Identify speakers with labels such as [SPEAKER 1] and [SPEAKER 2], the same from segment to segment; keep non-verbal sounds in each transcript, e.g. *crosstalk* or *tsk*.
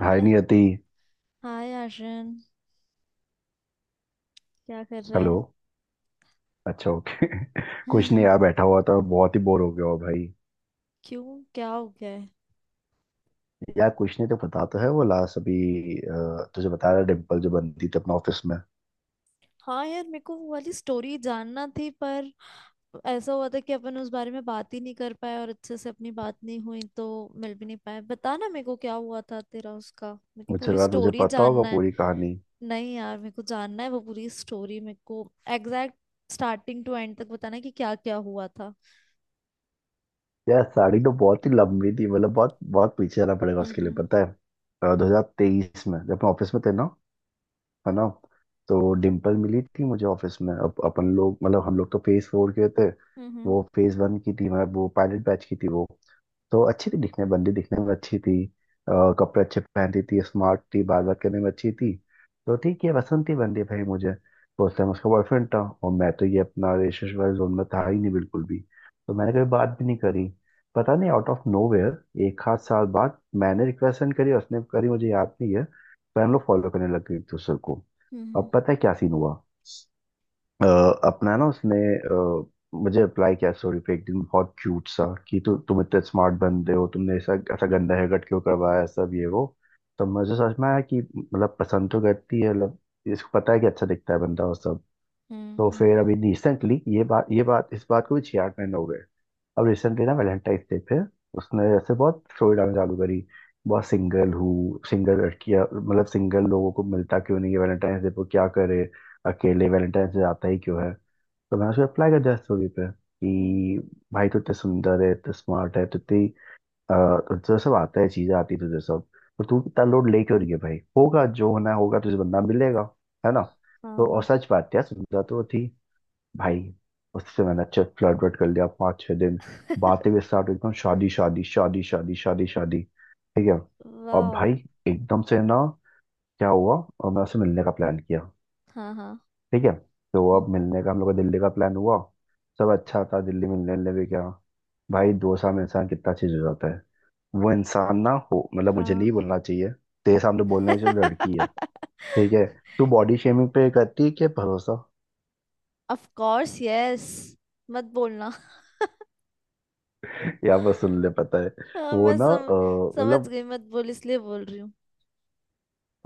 [SPEAKER 1] हाय
[SPEAKER 2] है-
[SPEAKER 1] नियति।
[SPEAKER 2] हाय आर्यन, क्या कर रहा
[SPEAKER 1] हेलो।
[SPEAKER 2] है?
[SPEAKER 1] अच्छा ओके *laughs* कुछ नहीं यार,
[SPEAKER 2] *laughs*
[SPEAKER 1] बैठा हुआ था, बहुत ही बोर हो गया हो भाई।
[SPEAKER 2] क्यों? क्या हो गया है?
[SPEAKER 1] यार कुछ नहीं, तो पता तो है वो लास्ट अभी। तुझे बता रहा डिम्पल जो बनती थी अपने ऑफिस में।
[SPEAKER 2] हाँ यार, मेरे को वो वाली स्टोरी जानना थी। पर ऐसा हुआ था कि अपन उस बारे में बात ही नहीं कर पाए और अच्छे से अपनी बात नहीं हुई, तो मिल भी नहीं पाए। बता ना मेरे को क्या हुआ था तेरा उसका, मेरे को
[SPEAKER 1] मुझे
[SPEAKER 2] पूरी
[SPEAKER 1] लगा तुझे
[SPEAKER 2] स्टोरी
[SPEAKER 1] पता होगा
[SPEAKER 2] जानना है।
[SPEAKER 1] पूरी कहानी।
[SPEAKER 2] नहीं यार, मेरे को जानना है वो पूरी स्टोरी। मेरे को एग्जैक्ट स्टार्टिंग टू एंड तक बताना है कि क्या क्या हुआ था।
[SPEAKER 1] यार साड़ी तो बहुत ही लंबी थी, मतलब बहुत बहुत पीछे जाना पड़ेगा
[SPEAKER 2] हम्म।
[SPEAKER 1] उसके लिए,
[SPEAKER 2] हम्म।
[SPEAKER 1] पता है। 2023 में जब मैं ऑफिस में थे ना, है ना। तो डिम्पल मिली थी मुझे ऑफिस में। अब अपन लोग मतलब हम लोग तो फेज 4 के थे।
[SPEAKER 2] हम्म।
[SPEAKER 1] वो फेज 1 की थी, मतलब वो पायलट बैच की थी। वो तो अच्छी थी दिखने, बंदी दिखने में अच्छी थी। कपड़े अच्छे पहनती थी, स्मार्ट थी, बात बात करने में अच्छी थी। तो ठीक है, पसंद थी बंदी भाई मुझे। तो उस टाइम उसका बॉयफ्रेंड था और मैं तो ये अपना रिलेशनशिप वाले जोन में था ही नहीं बिल्कुल भी। तो मैंने कभी बात भी नहीं करी। पता नहीं आउट ऑफ नोवेयर एक आध साल बाद मैंने रिक्वेस्ट सेंड करी, उसने करी मुझे याद नहीं है। फैन लोग फॉलो करने लग गए एक दूसरे को।
[SPEAKER 2] हम्म।
[SPEAKER 1] अब पता है क्या सीन हुआ। अ, अपना ना उसने मुझे अप्लाई किया स्टोरी पे एक दिन, बहुत क्यूट सा कि तुम इतने स्मार्ट बंदे हो, तुमने ऐसा ऐसा गंदा हेयर कट क्यों करवाया, सब ये वो। तो मुझे समझ में आया कि मतलब पसंद तो करती है, मतलब इसको पता है कि अच्छा दिखता है बंदा और सब।
[SPEAKER 2] हम्म।
[SPEAKER 1] तो फिर अभी रिसेंटली ये बात इस बात को भी 66 महीने हो गए। अब रिसेंटली ना, वैलेंटाइन डे पे उसने ऐसे बहुत स्टोरी डालना चालू करी। बहुत सिंगल हूँ, सिंगल लड़कियाँ मतलब सिंगल लोगों को मिलता क्यों नहीं है, वैलेंटाइन डे पर क्या करे। अकेले वैलेंटाइन डे आता ही क्यों है। तो मैंने उसे अप्लाई कर दिया स्टोरी पे
[SPEAKER 2] हम्म।
[SPEAKER 1] कि भाई तू इतने सुंदर है, इतने स्मार्ट है, तो इतनी अ, तुझे सब आता है, चीजें आती है तुझे सब। तो तू इतना लोड ले क्यों रही है भाई, होगा जो होना होगा, तुझे बंदा मिलेगा, है ना।
[SPEAKER 2] हाँ,
[SPEAKER 1] तो और
[SPEAKER 2] हाँ।
[SPEAKER 1] सच बात है, सुंदर तो वो थी भाई। उससे मैंने अच्छे फ्लर्ट वर्ट कर लिया 5-6 दिन। बातें भी स्टार्ट, एकदम शादी शादी शादी शादी शादी शादी, ठीक है। और
[SPEAKER 2] वाओ।
[SPEAKER 1] भाई एकदम से ना, क्या हुआ। और मैं उससे मिलने का प्लान किया,
[SPEAKER 2] हाँ, हाँ,
[SPEAKER 1] ठीक है। तो अब मिलने का हम लोग का दिल्ली का प्लान हुआ। सब अच्छा था दिल्ली, मिलने मिलने भी क्या, भाई 2 साल में इंसान कितना चीज हो जाता है। वो इंसान ना हो, मतलब मुझे नहीं
[SPEAKER 2] हाँ।
[SPEAKER 1] बोलना चाहिए, तेरे सामने बोलना चाहिए जो लड़की है,
[SPEAKER 2] *laughs*
[SPEAKER 1] ठीक है। तू बॉडी शेमिंग पे करती है क्या भरोसा।
[SPEAKER 2] Of course, yes. मत बोलना।
[SPEAKER 1] *laughs* यहाँ पर सुन ले, पता है।
[SPEAKER 2] हाँ,
[SPEAKER 1] वो
[SPEAKER 2] मैं
[SPEAKER 1] ना
[SPEAKER 2] समझ
[SPEAKER 1] मतलब,
[SPEAKER 2] गई। मत बोल, इसलिए बोल रही हूँ।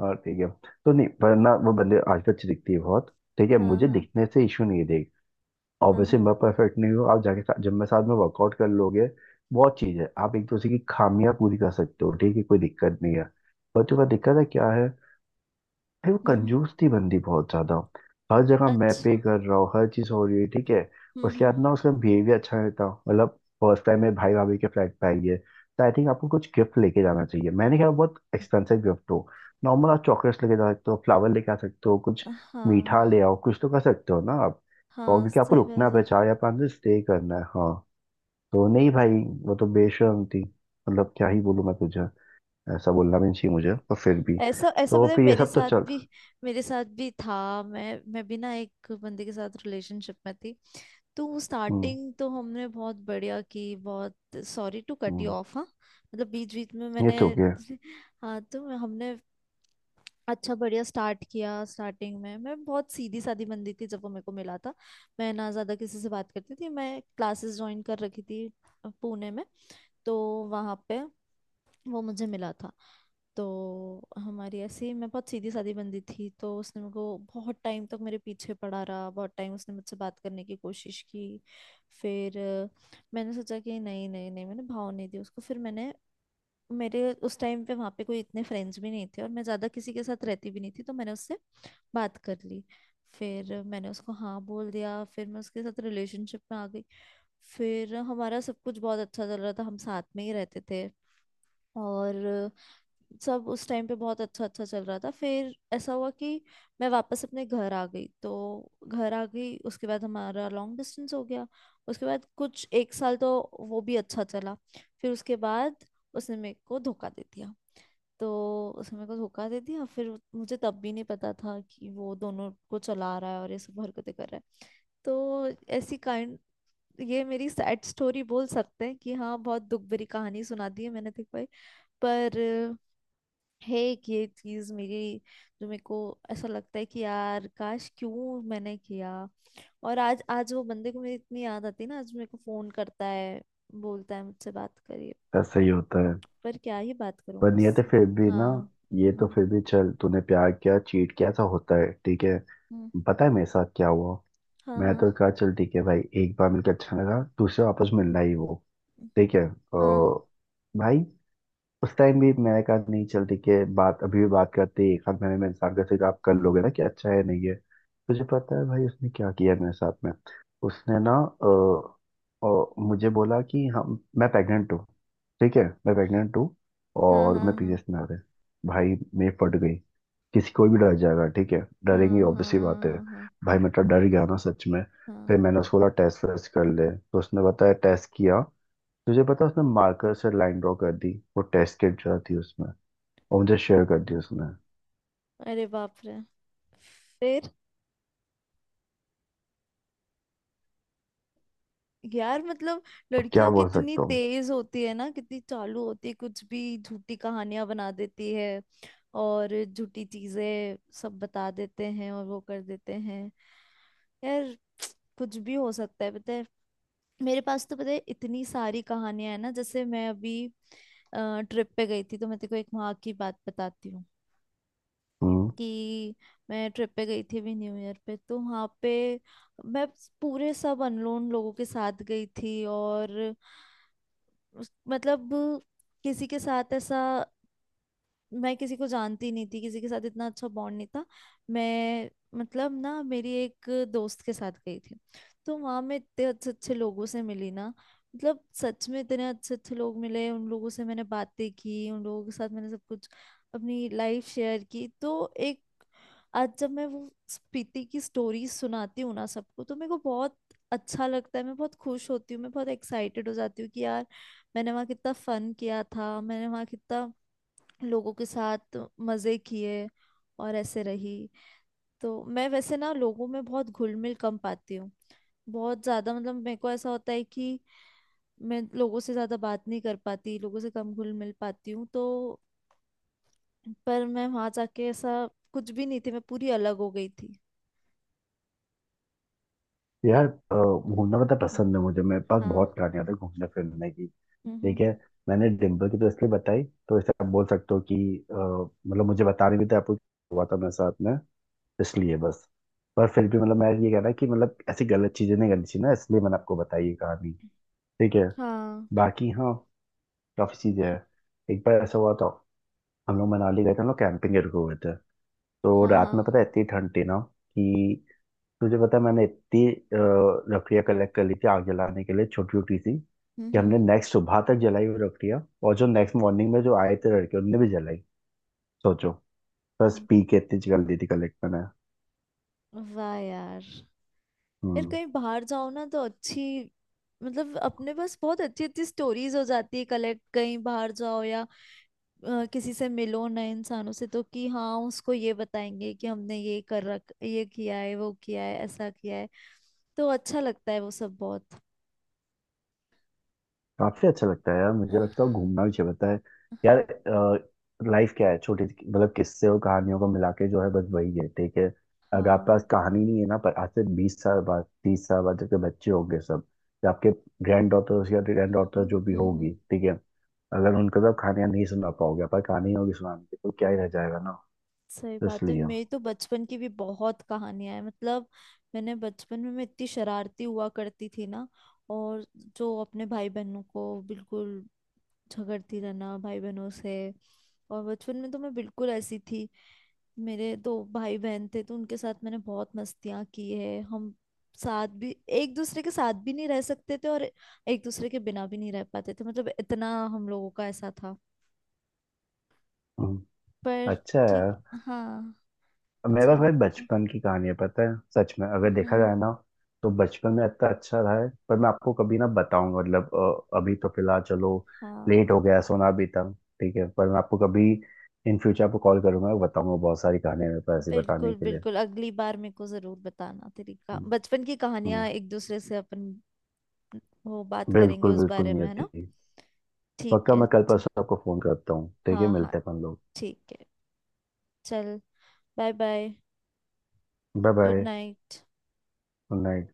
[SPEAKER 1] और ठीक है। तो नहीं वरना वो बंदे आजकल अच्छी दिखती है बहुत, ठीक है,
[SPEAKER 2] हाँ,
[SPEAKER 1] मुझे
[SPEAKER 2] हाँ,
[SPEAKER 1] दिखने से इशू नहीं है, देख।
[SPEAKER 2] हाँ,
[SPEAKER 1] ऑब्वियसली
[SPEAKER 2] हाँ।
[SPEAKER 1] मैं परफेक्ट नहीं हूँ, आप जाके साथ, जब मैं साथ में वर्कआउट कर लोगे। बहुत चीज है, आप एक दूसरे की खामियां पूरी कर सकते हो, ठीक है, कोई दिक्कत नहीं है। पर तुम्हें दिक्कत है क्या है। भाई वो
[SPEAKER 2] हम्म, हम्म।
[SPEAKER 1] कंजूस थी बंदी बहुत ज्यादा। हर जगह मैं पे
[SPEAKER 2] अच्छा।
[SPEAKER 1] कर रहा हूँ, हर चीज हो रही है, ठीक है।
[SPEAKER 2] हम्म,
[SPEAKER 1] उसके
[SPEAKER 2] हम्म।
[SPEAKER 1] बाद ना उसका बिहेवियर अच्छा नहीं था, मतलब फर्स्ट टाइम मेरे भाई भाभी के फ्लैट पे आई है तो आई थिंक आपको कुछ गिफ्ट लेके जाना चाहिए। मैंने कहा बहुत एक्सपेंसिव गिफ्ट हो, नॉर्मल आप चॉकलेट्स लेके जा सकते हो, फ्लावर लेके आ सकते हो, कुछ मीठा
[SPEAKER 2] हाँ,
[SPEAKER 1] ले आओ, कुछ तो कर सकते हो ना आप। और
[SPEAKER 2] हाँ,
[SPEAKER 1] क्योंकि आपको
[SPEAKER 2] सही बात
[SPEAKER 1] रुकना है,
[SPEAKER 2] है।
[SPEAKER 1] 4 या 5 दिन स्टे करना है, हाँ। तो नहीं भाई, वो तो बेशर्म थी। मतलब क्या ही बोलूँ मैं तुझे, ऐसा बोलना भी नहीं चाहिए मुझे पर फिर भी।
[SPEAKER 2] ऐसा ऐसा
[SPEAKER 1] तो
[SPEAKER 2] पता है,
[SPEAKER 1] फिर ये सब तो चल।
[SPEAKER 2] मेरे साथ भी था। मैं भी ना एक बंदे के साथ रिलेशनशिप में थी। तो
[SPEAKER 1] हम्म।
[SPEAKER 2] स्टार्टिंग तो हमने बहुत बढ़िया की, बहुत। सॉरी टू कट यू
[SPEAKER 1] हम्म,
[SPEAKER 2] ऑफ। हाँ। मतलब बीच बीच में
[SPEAKER 1] ये
[SPEAKER 2] मैंने।
[SPEAKER 1] ठीक है।
[SPEAKER 2] *laughs* हाँ, तो हमने अच्छा बढ़िया स्टार्ट किया। स्टार्टिंग में मैं बहुत सीधी सादी बंदी थी जब वो मेरे को मिला था। मैं ना ज़्यादा किसी से बात करती थी, मैं क्लासेस ज्वाइन कर रखी थी पुणे में। तो वहाँ पे वो मुझे मिला था। तो हमारी ऐसी, मैं बहुत सीधी सादी बंदी थी, तो उसने मेरे को बहुत टाइम तक मेरे पीछे पड़ा रहा, बहुत टाइम उसने मुझसे बात करने की कोशिश की। फिर मैंने सोचा कि नहीं नहीं नहीं, मैंने भाव नहीं दी उसको। फिर मैंने, मेरे उस टाइम पे वहाँ पे कोई इतने फ्रेंड्स भी नहीं थे, और मैं ज़्यादा किसी के साथ रहती भी नहीं थी, तो मैंने उससे बात कर ली। फिर मैंने उसको हाँ बोल दिया, फिर मैं उसके साथ रिलेशनशिप में आ गई। फिर हमारा सब कुछ बहुत अच्छा चल रहा था, हम साथ में ही रहते थे। और सब उस टाइम पे बहुत अच्छा अच्छा चल रहा था। फिर ऐसा हुआ कि मैं वापस अपने घर आ गई। तो घर आ गई, उसके बाद हमारा लॉन्ग डिस्टेंस हो गया। उसके बाद कुछ एक साल तो वो भी अच्छा चला। फिर उसके बाद उसने मेरे को धोखा दे दिया। तो उसने मेरे को धोखा दे दिया। फिर मुझे तब भी नहीं पता था कि वो दोनों को चला रहा है और ये सब हरकतें कर रहा है। तो ऐसी काइंड, ये मेरी सैड स्टोरी बोल सकते हैं कि हाँ, बहुत दुख भरी कहानी सुना दी है मैंने तेरे को एक। पर है एक ये चीज मेरी, जो मेरे को ऐसा लगता है कि यार, काश, क्यों मैंने किया। और आज आज वो बंदे को मेरी इतनी याद आती है ना, आज मेरे को फोन करता है, बोलता है मुझसे बात करिए।
[SPEAKER 1] ऐसा ही होता है।
[SPEAKER 2] पर क्या ही बात करूं
[SPEAKER 1] पर
[SPEAKER 2] मैं
[SPEAKER 1] नहीं तो
[SPEAKER 2] उससे?
[SPEAKER 1] फिर भी ना,
[SPEAKER 2] हाँ।
[SPEAKER 1] ये तो
[SPEAKER 2] हम्म,
[SPEAKER 1] फिर भी चल, तूने प्यार किया, चीट किया, ऐसा होता है, ठीक है।
[SPEAKER 2] हम्म।
[SPEAKER 1] पता है मेरे साथ क्या हुआ।
[SPEAKER 2] हाँ,
[SPEAKER 1] मैं
[SPEAKER 2] हाँ,
[SPEAKER 1] तो कहा चल ठीक है भाई, एक बार मिलकर अच्छा लगा, दूसरा वापस मिलना ही वो, ठीक है। अ,
[SPEAKER 2] हाँ,
[SPEAKER 1] भाई उस टाइम भी मैंने कहा नहीं चल ठीक है, बात अभी भी बात करते हैं, एक हाथ मैंने में इंसान का सिर्फ आप कर लोगे ना कि अच्छा है नहीं है। तुझे पता है भाई उसने क्या किया मेरे साथ में। उसने ना मुझे बोला कि हम, मैं प्रेग्नेंट हूँ। ठीक है, मैं प्रेग्नेंट हूँ।
[SPEAKER 2] हाँ,
[SPEAKER 1] और
[SPEAKER 2] हाँ,
[SPEAKER 1] मैं
[SPEAKER 2] हाँ,
[SPEAKER 1] पीरियड्स में आ रहे। भाई मैं फट गई। किसी, कोई भी डर जाएगा, ठीक है, डरेंगी,
[SPEAKER 2] हाँ, हाँ,
[SPEAKER 1] ऑब्वियसली बात है।
[SPEAKER 2] हाँ, हाँ,
[SPEAKER 1] भाई मैं तो डर गया ना सच में।
[SPEAKER 2] हाँ।
[SPEAKER 1] फिर मैंने उसको बोला टेस्ट वेस्ट कर ले, तो उसने बताया टेस्ट किया। तुझे पता उसने मार्कर से लाइन ड्रॉ कर दी वो टेस्ट किट जो थी उसमें, और मुझे शेयर कर दी उसने।
[SPEAKER 2] अरे बाप रे! फिर, यार मतलब,
[SPEAKER 1] अब क्या
[SPEAKER 2] लड़कियां
[SPEAKER 1] बोल
[SPEAKER 2] कितनी
[SPEAKER 1] सकता हूँ।
[SPEAKER 2] तेज होती है ना, कितनी चालू होती है, कुछ भी झूठी कहानियां बना देती है। और झूठी चीजें सब बता देते हैं और वो कर देते हैं, यार। *tsk* कुछ भी हो सकता है, पता है। मेरे पास तो पता है इतनी सारी कहानियां है ना। जैसे मैं अभी ट्रिप पे गई थी, तो मैं तेरे को एक वहां की बात बताती हूँ
[SPEAKER 1] हम्म
[SPEAKER 2] कि मैं ट्रिप पे गई थी अभी न्यू ईयर पे, तो वहां पे मैं पूरे सब अननोन लोगों के साथ गई थी, और मतलब किसी के साथ ऐसा, मैं किसी को जानती नहीं थी, किसी के साथ इतना अच्छा बॉन्ड नहीं था। मैं मतलब ना, मेरी एक दोस्त के साथ गई थी। तो वहां मैं इतने अच्छे अच्छे लोगों से मिली ना, मतलब सच में इतने अच्छे अच्छे लोग मिले, उन लोगों से मैंने बातें की, उन लोगों के साथ मैंने सब कुछ अपनी लाइफ शेयर की। तो एक, आज जब मैं वो स्पीति की स्टोरी सुनाती हूँ ना सबको, तो मेरे को बहुत अच्छा लगता है, मैं बहुत खुश होती हूँ, मैं बहुत एक्साइटेड हो जाती हूँ कि यार, मैंने वहाँ कितना फन किया था, मैंने वहाँ कितना लोगों के साथ मजे किए और ऐसे रही। तो मैं वैसे ना लोगों में बहुत घुल मिल कम पाती हूँ, बहुत ज्यादा। मतलब मेरे को ऐसा होता है कि मैं लोगों से ज्यादा बात नहीं कर पाती, लोगों से कम घुल मिल पाती हूँ। तो पर मैं वहां जाके ऐसा कुछ भी नहीं थी, मैं पूरी अलग हो गई थी।
[SPEAKER 1] यार, घूमना पता
[SPEAKER 2] हाँ,
[SPEAKER 1] पसंद है मुझे, मेरे पास
[SPEAKER 2] हाँ।
[SPEAKER 1] बहुत कहानियां थी घूमने फिरने की,
[SPEAKER 2] हम्म, हम्म।
[SPEAKER 1] ठीक है। मैंने डिम्पल की तो इसलिए बताई, तो इसे आप बोल सकते हो कि मतलब मुझे बताने भी था आपको क्या हुआ था मेरे साथ में, इसलिए बस। पर फिर भी मतलब मैं ये कह रहा कि मतलब ऐसी गलत चीजें नहीं करनी चाहिए ना, इसलिए मैंने आपको बताई ये कहानी, ठीक है।
[SPEAKER 2] हाँ,
[SPEAKER 1] बाकी हाँ, काफी चीजें हैं। एक बार ऐसा हुआ था, हम लोग मनाली गए थे, हम लोग कैंपिंग के रुके हुए थे। तो
[SPEAKER 2] हाँ,
[SPEAKER 1] रात
[SPEAKER 2] हाँ।
[SPEAKER 1] में पता है इतनी ठंड थी ना कि तुझे पता है मैंने इतनी लकड़ियाँ कलेक्ट कर ली थी आग जलाने के लिए, छोटी छोटी सी, कि हमने
[SPEAKER 2] हम्म,
[SPEAKER 1] नेक्स्ट सुबह तक जलाई हुई लकड़ियाँ, और जो नेक्स्ट मॉर्निंग में जो आए थे लड़के उनने भी जलाई। सोचो। बस
[SPEAKER 2] हम्म।
[SPEAKER 1] पी के इतनी जल दी थी कलेक्ट मैंने।
[SPEAKER 2] वाह यार। यार,
[SPEAKER 1] हम्म।
[SPEAKER 2] कहीं बाहर जाओ ना तो अच्छी, मतलब अपने पास बहुत अच्छी अच्छी स्टोरीज हो जाती है कलेक्ट। कहीं बाहर जाओ या किसी से मिलो नए इंसानों से, तो कि हाँ उसको ये बताएंगे कि हमने ये कर रख, ये किया है, वो किया है, ऐसा किया है। तो अच्छा लगता है वो सब, बहुत।
[SPEAKER 1] काफी अच्छा लगता है यार,
[SPEAKER 2] अ,
[SPEAKER 1] मुझे लगता है घूमना भी चाहिए, बताए। यार लाइफ क्या है मतलब किस्से और कहानियों को मिला के जो है बस वही है, ठीक है। अगर आपके
[SPEAKER 2] हाँ।
[SPEAKER 1] पास कहानी नहीं है ना, पर आज से 20 साल बाद, 30 साल बाद जबकि बच्चे होंगे सब, या आपके ग्रैंड डॉटर्स या ग्रैंड डॉटर
[SPEAKER 2] हम्म,
[SPEAKER 1] जो भी
[SPEAKER 2] हम्म,
[SPEAKER 1] होगी, ठीक है। अगर उनको तो कहानियां नहीं सुना पाओगे, पर कहानी होगी सुनाने की तो क्या ही रह जाएगा ना।
[SPEAKER 2] सही
[SPEAKER 1] तो
[SPEAKER 2] बात है।
[SPEAKER 1] इसलिए।
[SPEAKER 2] मेरी तो बचपन की भी बहुत कहानियां हैं। मतलब मैंने बचपन में, मैं इतनी शरारती हुआ करती थी ना, और जो अपने भाई बहनों को, बिल्कुल, झगड़ती रहना भाई बहनों से। और बचपन में तो मैं बिल्कुल ऐसी थी। मेरे दो भाई बहन थे तो उनके साथ मैंने बहुत मस्तियाँ की है। हम साथ भी एक दूसरे के साथ भी नहीं रह सकते थे और एक दूसरे के बिना भी नहीं रह पाते थे, मतलब इतना हम लोगों का ऐसा था।
[SPEAKER 1] हम्म,
[SPEAKER 2] पर
[SPEAKER 1] अच्छा
[SPEAKER 2] ठीक।
[SPEAKER 1] है।
[SPEAKER 2] हाँ।
[SPEAKER 1] मेरा
[SPEAKER 2] अच्छा
[SPEAKER 1] भाई
[SPEAKER 2] लगा था।
[SPEAKER 1] बचपन की कहानी है, पता है, सच में अगर देखा
[SPEAKER 2] हम्म।
[SPEAKER 1] जाए ना, तो बचपन में इतना अच्छा रहा है, पर मैं आपको कभी ना बताऊंगा, मतलब अभी तो फिलहाल चलो,
[SPEAKER 2] हाँ,
[SPEAKER 1] लेट हो गया है, सोना भी था, ठीक है। पर मैं आपको कभी, इन फ्यूचर आपको कॉल करूंगा, बताऊंगा, बहुत सारी कहानियां मेरे पास ऐसी
[SPEAKER 2] बिल्कुल
[SPEAKER 1] बताने के लिए।
[SPEAKER 2] बिल्कुल। अगली बार मेरे को जरूर बताना तेरी का
[SPEAKER 1] हम्म,
[SPEAKER 2] बचपन की
[SPEAKER 1] हम्म,
[SPEAKER 2] कहानियां। एक दूसरे से अपन वो बात करेंगे
[SPEAKER 1] बिल्कुल
[SPEAKER 2] उस
[SPEAKER 1] बिल्कुल
[SPEAKER 2] बारे
[SPEAKER 1] नहीं
[SPEAKER 2] में, है ना?
[SPEAKER 1] आती।
[SPEAKER 2] ठीक
[SPEAKER 1] पक्का
[SPEAKER 2] है।
[SPEAKER 1] मैं कल परसों आपको फोन करता हूँ, ठीक है,
[SPEAKER 2] हाँ, हाँ।
[SPEAKER 1] मिलते हैं अपन लोग।
[SPEAKER 2] ठीक है। चल। Bye, bye. Good
[SPEAKER 1] bye
[SPEAKER 2] night.
[SPEAKER 1] Bye.